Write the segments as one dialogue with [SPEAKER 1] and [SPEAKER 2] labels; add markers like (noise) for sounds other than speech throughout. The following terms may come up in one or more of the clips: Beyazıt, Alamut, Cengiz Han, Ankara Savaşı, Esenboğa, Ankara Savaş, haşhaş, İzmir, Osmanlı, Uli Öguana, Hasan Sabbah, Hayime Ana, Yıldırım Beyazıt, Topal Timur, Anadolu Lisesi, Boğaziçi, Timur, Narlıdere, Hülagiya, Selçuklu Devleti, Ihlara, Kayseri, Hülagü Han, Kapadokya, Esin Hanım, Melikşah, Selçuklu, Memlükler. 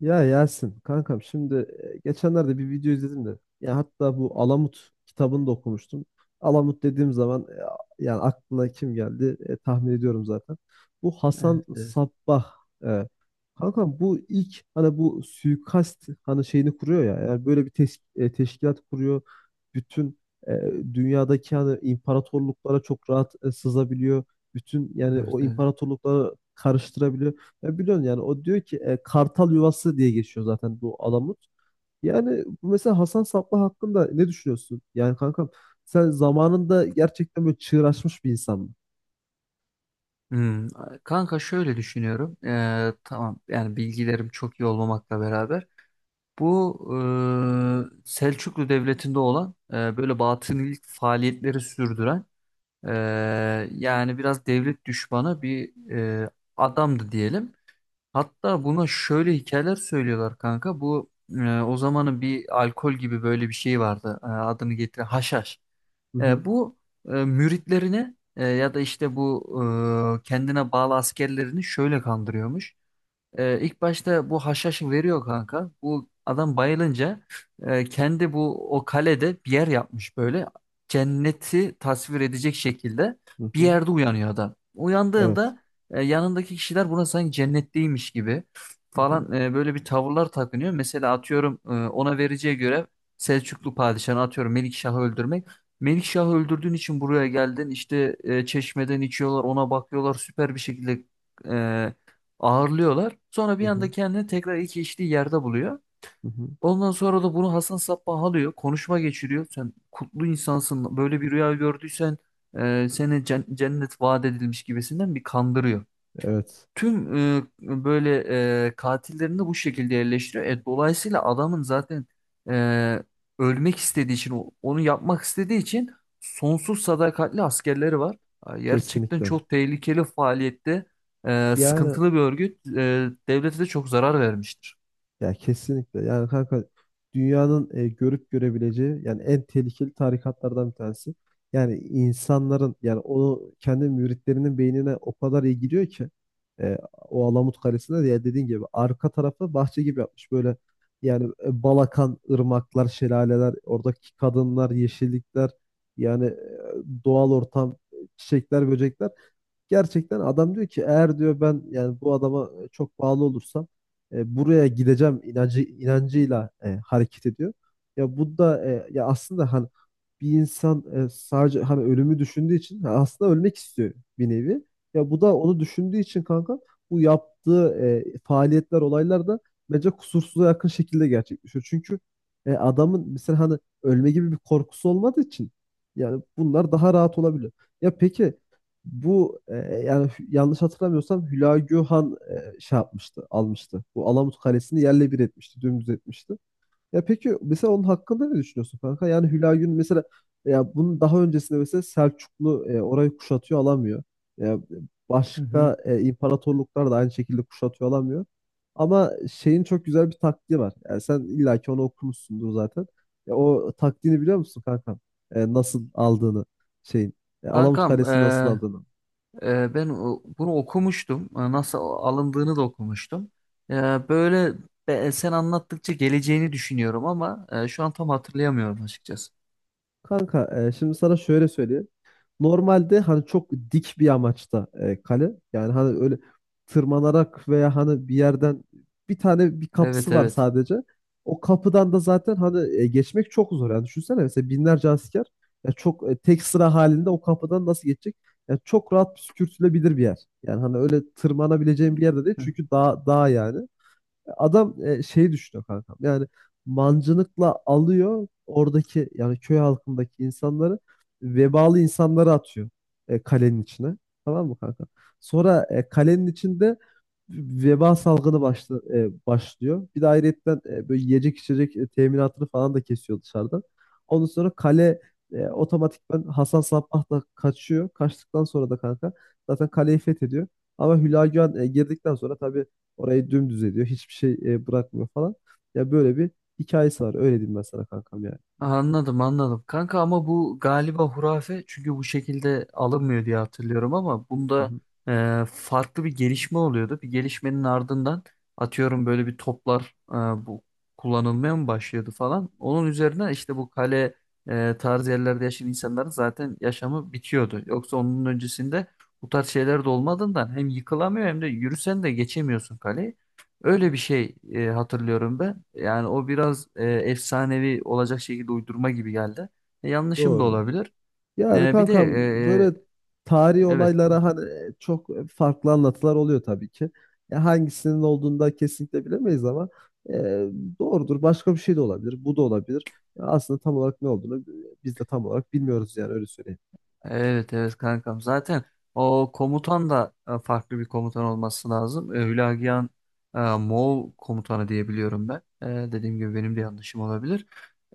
[SPEAKER 1] Ya Yasin kankam şimdi geçenlerde bir video izledim de ya hatta bu Alamut kitabını da okumuştum. Alamut dediğim zaman yani aklına kim geldi tahmin ediyorum zaten. Bu
[SPEAKER 2] Evet,
[SPEAKER 1] Hasan
[SPEAKER 2] evet,
[SPEAKER 1] Sabbah. E, kankam bu ilk hani bu suikast hani şeyini kuruyor ya. Yani böyle bir teşkilat kuruyor. Bütün e, dünyadaki hani imparatorluklara çok rahat sızabiliyor. Bütün yani
[SPEAKER 2] evet,
[SPEAKER 1] o
[SPEAKER 2] evet.
[SPEAKER 1] imparatorlukları karıştırabiliyor. Ya biliyorsun yani o diyor ki kartal yuvası diye geçiyor zaten bu Alamut. Yani bu mesela Hasan Sabbah hakkında ne düşünüyorsun? Yani kankam sen zamanında gerçekten böyle çığır açmış bir insan mı?
[SPEAKER 2] Hmm, Kanka şöyle düşünüyorum. Tamam, yani bilgilerim çok iyi olmamakla beraber bu Selçuklu Devleti'nde olan böyle batınilik faaliyetleri sürdüren, e, yani biraz devlet düşmanı bir adamdı diyelim. Hatta buna şöyle hikayeler söylüyorlar, kanka. Bu o zamanın bir alkol gibi böyle bir şey vardı. E, adını getir, haşhaş.
[SPEAKER 1] Hı hı,
[SPEAKER 2] E, bu Müritlerini, ya da işte bu kendine bağlı askerlerini şöyle kandırıyormuş. İlk başta bu haşhaşı veriyor, kanka. Bu adam bayılınca kendi bu o kalede bir yer yapmış böyle. Cenneti tasvir edecek şekilde
[SPEAKER 1] hı
[SPEAKER 2] bir
[SPEAKER 1] hı.
[SPEAKER 2] yerde uyanıyor adam.
[SPEAKER 1] Evet.
[SPEAKER 2] Uyandığında yanındaki kişiler buna sanki cennetteymiş gibi
[SPEAKER 1] Hı hı,
[SPEAKER 2] falan, böyle bir tavırlar takınıyor. Mesela atıyorum, ona vereceği görev Selçuklu padişahını, atıyorum, Melikşah'ı öldürmek. Melikşah'ı öldürdüğün için buraya geldin işte, çeşmeden içiyorlar, ona bakıyorlar, süper bir şekilde e, ağırlıyorlar. Sonra
[SPEAKER 1] hı
[SPEAKER 2] bir
[SPEAKER 1] hı,
[SPEAKER 2] anda kendini tekrar ilk içtiği yerde buluyor.
[SPEAKER 1] hı hı.
[SPEAKER 2] Ondan sonra da bunu Hasan Sabbah alıyor. Konuşma geçiriyor. Sen kutlu insansın. Böyle bir rüya gördüysen seni cennet vaat edilmiş gibisinden bir kandırıyor.
[SPEAKER 1] Evet.
[SPEAKER 2] Tüm böyle katillerini de bu şekilde yerleştiriyor. E, dolayısıyla adamın zaten e, ölmek istediği için, onu yapmak istediği için sonsuz sadakatli askerleri var. Ha, gerçekten
[SPEAKER 1] Kesinlikle.
[SPEAKER 2] çok tehlikeli faaliyette,
[SPEAKER 1] Yani
[SPEAKER 2] sıkıntılı bir örgüt. E, devlete de çok zarar vermiştir.
[SPEAKER 1] ya kesinlikle. Yani kanka dünyanın görüp görebileceği yani en tehlikeli tarikatlardan bir tanesi. Yani insanların yani onu kendi müritlerinin beynine o kadar iyi gidiyor ki o Alamut Kalesi'nde de ya dediğin gibi arka tarafı bahçe gibi yapmış. Böyle yani bal akan ırmaklar, şelaleler, oradaki kadınlar, yeşillikler yani doğal ortam, çiçekler, böcekler. Gerçekten adam diyor ki eğer diyor ben yani bu adama çok bağlı olursam buraya gideceğim inancıyla hareket ediyor. Ya bu da ya aslında hani bir insan sadece hani ölümü düşündüğü için ha, aslında ölmek istiyor bir nevi. Ya bu da onu düşündüğü için kanka bu yaptığı faaliyetler olaylar da bence kusursuza yakın şekilde gerçekleşiyor. Çünkü adamın mesela hani ölme gibi bir korkusu olmadığı için yani bunlar daha rahat olabiliyor. Ya peki bu yani yanlış hatırlamıyorsam Hülagü Han şey yapmıştı, almıştı. Bu Alamut Kalesi'ni yerle bir etmişti, dümdüz etmişti. Ya peki mesela onun hakkında ne düşünüyorsun kanka? Yani Hülagü'nün mesela ya bunun daha öncesinde mesela Selçuklu orayı kuşatıyor alamıyor. Ya
[SPEAKER 2] Hı hı.
[SPEAKER 1] başka imparatorluklar da aynı şekilde kuşatıyor alamıyor. Ama şeyin çok güzel bir taktiği var. Yani sen illaki onu okumuşsundur zaten. Ya o taktiğini biliyor musun kanka? Nasıl aldığını şeyin. Alamut
[SPEAKER 2] Kankam,
[SPEAKER 1] Kalesi'ni nasıl aldığını.
[SPEAKER 2] Ben bunu okumuştum. Nasıl alındığını da okumuştum. Ee, böyle Sen anlattıkça geleceğini düşünüyorum, ama şu an tam hatırlayamıyorum açıkçası.
[SPEAKER 1] Kanka şimdi sana şöyle söyleyeyim. Normalde hani çok dik bir amaçta kale. Yani hani öyle tırmanarak veya hani bir yerden bir tane bir kapısı
[SPEAKER 2] Evet,
[SPEAKER 1] var
[SPEAKER 2] evet.
[SPEAKER 1] sadece. O kapıdan da zaten hani geçmek çok zor. Yani düşünsene mesela binlerce asker ya çok tek sıra halinde o kapıdan nasıl geçecek? Ya çok rahat püskürtülebilir bir yer. Yani hani öyle tırmanabileceğin bir yerde değil çünkü dağ, dağ yani. Adam şeyi düşünüyor kankam. Yani mancınıkla alıyor oradaki yani köy halkındaki insanları, vebalı insanları atıyor kalenin içine. Tamam mı kanka? Sonra kalenin içinde veba salgını başlıyor. Bir de ayrıyetten böyle yiyecek içecek teminatını falan da kesiyor dışarıdan. Ondan sonra kale otomatikman Hasan Sabbah da kaçıyor. Kaçtıktan sonra da kanka zaten kaleyi fethediyor. Ama Hülagü Han girdikten sonra tabii orayı dümdüz ediyor. Hiçbir şey bırakmıyor falan. Ya böyle bir hikayesi var. Öyle diyeyim ben sana kankam yani.
[SPEAKER 2] Anladım, anladım. Kanka, ama bu galiba hurafe, çünkü bu şekilde alınmıyor diye hatırlıyorum, ama
[SPEAKER 1] Hı
[SPEAKER 2] bunda
[SPEAKER 1] hı.
[SPEAKER 2] farklı bir gelişme oluyordu. Bir gelişmenin ardından, atıyorum, böyle bir toplar bu kullanılmaya mı başlıyordu falan. Onun üzerine işte bu kale tarzı yerlerde yaşayan insanların zaten yaşamı bitiyordu. Yoksa onun öncesinde bu tarz şeyler de olmadığından hem yıkılamıyor hem de yürüsen de geçemiyorsun kaleyi. Öyle bir şey hatırlıyorum ben. Yani o biraz efsanevi olacak şekilde uydurma gibi geldi. E, yanlışım da
[SPEAKER 1] Doğru.
[SPEAKER 2] olabilir.
[SPEAKER 1] Yani
[SPEAKER 2] E, bir de
[SPEAKER 1] kankam böyle tarihi
[SPEAKER 2] e, evet, bu.
[SPEAKER 1] olaylara hani çok farklı anlatılar oluyor tabii ki. Ya hangisinin olduğunu da kesinlikle bilemeyiz ama e, doğrudur. Başka bir şey de olabilir. Bu da olabilir. Ya aslında tam olarak ne olduğunu biz de tam olarak bilmiyoruz yani öyle söyleyeyim.
[SPEAKER 2] Evet, evet, kankam. Zaten o komutan da farklı bir komutan olması lazım. E, Hülagiya'nın Moğol komutanı diye biliyorum ben. E, dediğim gibi, benim de yanlışım olabilir.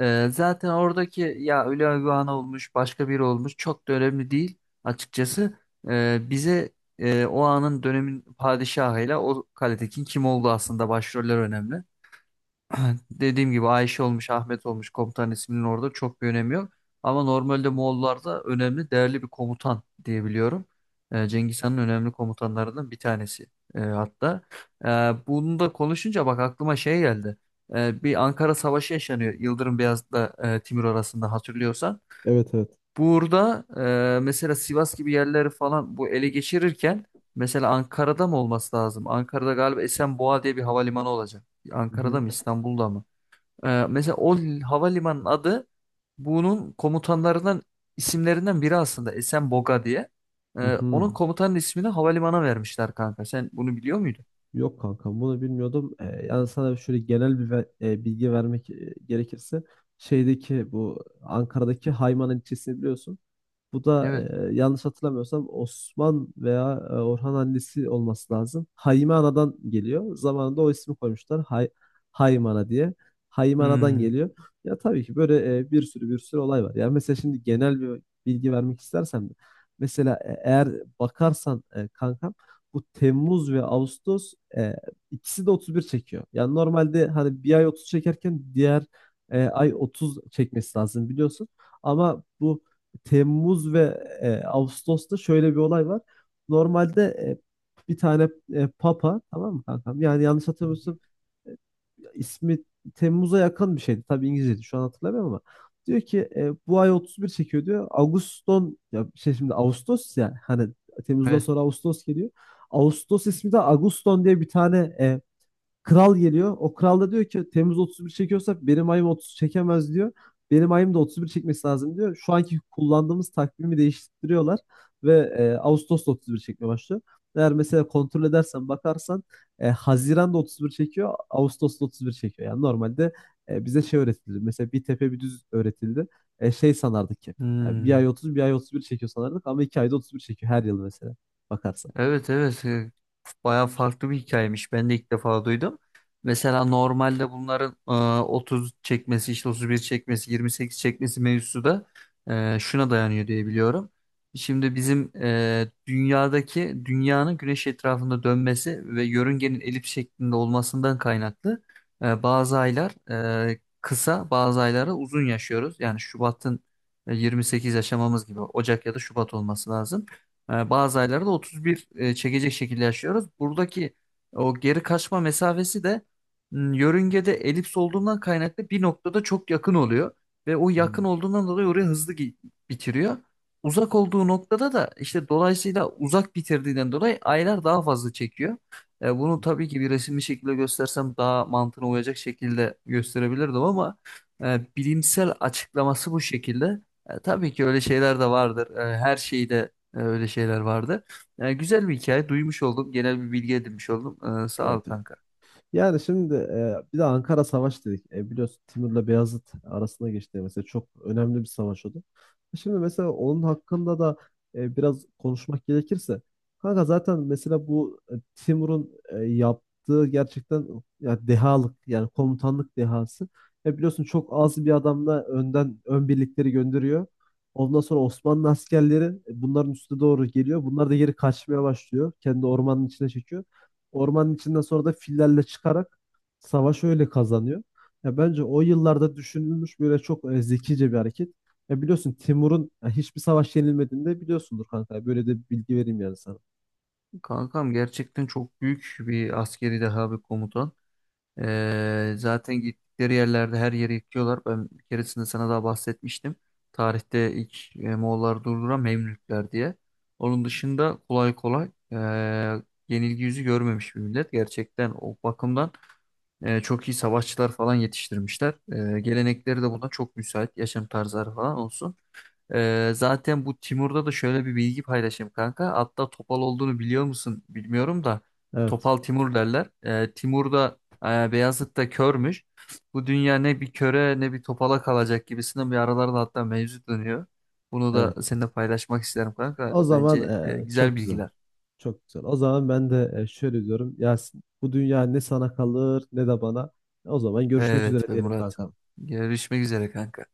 [SPEAKER 2] Zaten oradaki ya Uli Öguana olmuş, başka biri olmuş, çok da önemli değil açıkçası. Bize o anın dönemin padişahıyla o kaledekin kim olduğu aslında, başroller önemli. (clears throat) Dediğim gibi, Ayşe olmuş, Ahmet olmuş, komutan isminin orada çok bir önemi yok. Ama normalde Moğollarda önemli, değerli bir komutan diyebiliyorum. Cengiz Han'ın önemli komutanlarından bir tanesi, hatta. Ee, Bunu da konuşunca bak aklıma şey geldi. Bir Ankara Savaşı yaşanıyor, Yıldırım Beyazıt'la Timur arasında, hatırlıyorsan.
[SPEAKER 1] Evet, evet.
[SPEAKER 2] Burada mesela Sivas gibi yerleri falan bu ele geçirirken, mesela Ankara'da mı olması lazım? Ankara'da galiba Esenboğa diye bir havalimanı olacak.
[SPEAKER 1] Hı hı.
[SPEAKER 2] Ankara'da mı, İstanbul'da mı? Mesela havalimanının adı, bunun komutanlarından isimlerinden biri aslında Esenboga diye.
[SPEAKER 1] Hı
[SPEAKER 2] Onun
[SPEAKER 1] hı.
[SPEAKER 2] komutanın ismini havalimanına vermişler, kanka. Sen bunu biliyor muydun?
[SPEAKER 1] Yok kankam bunu bilmiyordum. Yani sana şöyle genel bir bilgi vermek gerekirse şeydeki bu Ankara'daki Hayman ilçesini biliyorsun. Bu da
[SPEAKER 2] Evet.
[SPEAKER 1] yanlış hatırlamıyorsam Osman veya Orhan annesi olması lazım. Hayime Ana'dan geliyor. Zamanında o ismi koymuşlar. Hayime Ana diye. Hayime Ana'dan
[SPEAKER 2] Hmm.
[SPEAKER 1] geliyor. Ya tabii ki böyle bir sürü olay var. Yani mesela şimdi genel bir bilgi vermek istersem de. Mesela eğer bakarsan kankam bu Temmuz ve Ağustos ikisi de 31 çekiyor. Yani normalde hani bir ay 30 çekerken diğer ay 30 çekmesi lazım biliyorsun. Ama bu Temmuz ve Ağustos'ta şöyle bir olay var. Normalde bir tane papa, tamam mı kankam? Yani yanlış hatırlamıyorsun, ismi Temmuz'a yakın bir şeydi. Tabii İngilizceydi, şu an hatırlamıyorum ama. Diyor ki bu ay 31 çekiyor diyor. Ağuston ya şey şimdi Ağustos ya hani Temmuz'dan
[SPEAKER 2] Evet.
[SPEAKER 1] sonra Ağustos geliyor. Ağustos ismi de Ağuston diye bir tane kral geliyor. O kral da diyor ki Temmuz 31 çekiyorsa benim ayım 30 çekemez diyor. Benim ayım da 31 çekmesi lazım diyor. Şu anki kullandığımız takvimi değiştiriyorlar ve Ağustos'ta 31 çekmeye başlıyor. Eğer mesela kontrol edersen bakarsan Haziran'da 31 çekiyor, Ağustos'ta 31 çekiyor. Yani normalde bize şey öğretildi. Mesela bir tepe bir düz öğretildi. Şey sanardık ki yani bir ay
[SPEAKER 2] Hmm.
[SPEAKER 1] 30 bir ay 31 çekiyor sanardık ama iki ayda 31 çekiyor her yıl mesela bakarsan.
[SPEAKER 2] Evet, evet, bayağı farklı bir hikayemiş. Ben de ilk defa duydum. Mesela normalde bunların 30 çekmesi, işte 31 çekmesi, 28 çekmesi mevzusu da şuna dayanıyor diye biliyorum. Şimdi bizim dünyadaki dünyanın güneş etrafında dönmesi ve yörüngenin elip şeklinde olmasından kaynaklı bazı aylar kısa, bazı ayları uzun yaşıyoruz. Yani Şubat'ın 28 yaşamamız gibi Ocak ya da Şubat olması lazım. E, bazı aylarda 31 çekecek şekilde yaşıyoruz. Buradaki o geri kaçma mesafesi de yörüngede elips olduğundan kaynaklı bir noktada çok yakın oluyor. Ve o yakın
[SPEAKER 1] Hmm.
[SPEAKER 2] olduğundan dolayı oraya hızlı bitiriyor. Uzak olduğu noktada da işte, dolayısıyla uzak bitirdiğinden dolayı, aylar daha fazla çekiyor. E, bunu tabii ki bir resimli şekilde göstersem daha mantığına uyacak şekilde gösterebilirdim, ama bilimsel açıklaması bu şekilde. E, tabii ki öyle şeyler de vardır. E, her şeyi de e, Öyle şeyler vardı. Yani güzel bir hikaye duymuş oldum. Genel bir bilgi edinmiş oldum. E, sağ
[SPEAKER 1] Evet.
[SPEAKER 2] ol, kanka.
[SPEAKER 1] Yani şimdi bir de Ankara Savaş dedik. E, biliyorsun Timur'la Beyazıt arasında geçti. Mesela çok önemli bir savaş oldu. Şimdi mesela onun hakkında da biraz konuşmak gerekirse. Kanka zaten mesela bu Timur'un yaptığı gerçekten ya dehalık yani komutanlık dehası. E, biliyorsun çok az bir adamla önden ön birlikleri gönderiyor. Ondan sonra Osmanlı askerleri bunların üstüne doğru geliyor. Bunlar da geri kaçmaya başlıyor. Kendi ormanın içine çekiyor. Ormanın içinden sonra da fillerle çıkarak savaş öyle kazanıyor. Ya bence o yıllarda düşünülmüş böyle çok zekice bir hareket. Ya biliyorsun Timur'un ya hiçbir savaş yenilmediğini de biliyorsundur kanka. Böyle de bir bilgi vereyim yani sana.
[SPEAKER 2] Kankam, gerçekten çok büyük bir askeri deha, bir komutan. E, zaten gittikleri yerlerde her yeri yıkıyorlar. Ben bir keresinde sana daha bahsetmiştim. Tarihte ilk Moğolları durduran Memlükler diye. Onun dışında kolay kolay yenilgi yüzü görmemiş bir millet. Gerçekten o bakımdan çok iyi savaşçılar falan yetiştirmişler. E, gelenekleri de buna çok müsait. Yaşam tarzları falan olsun. Zaten bu Timur'da da şöyle bir bilgi paylaşayım, kanka. Hatta Topal olduğunu biliyor musun bilmiyorum da,
[SPEAKER 1] Evet,
[SPEAKER 2] Topal Timur derler. Timur da Beyazıt'ta körmüş. Bu dünya ne bir köre ne bir topala kalacak gibisinden bir aralarda hatta mevzu dönüyor. Bunu da
[SPEAKER 1] evet.
[SPEAKER 2] seninle paylaşmak isterim, kanka.
[SPEAKER 1] O zaman
[SPEAKER 2] Bence güzel
[SPEAKER 1] çok güzel.
[SPEAKER 2] bilgiler.
[SPEAKER 1] Çok güzel. O zaman ben de şöyle diyorum. Yasin, bu dünya ne sana kalır ne de bana. O zaman görüşmek
[SPEAKER 2] Evet
[SPEAKER 1] üzere
[SPEAKER 2] be
[SPEAKER 1] diyelim
[SPEAKER 2] Murat.
[SPEAKER 1] kanka.
[SPEAKER 2] Görüşmek üzere, kanka.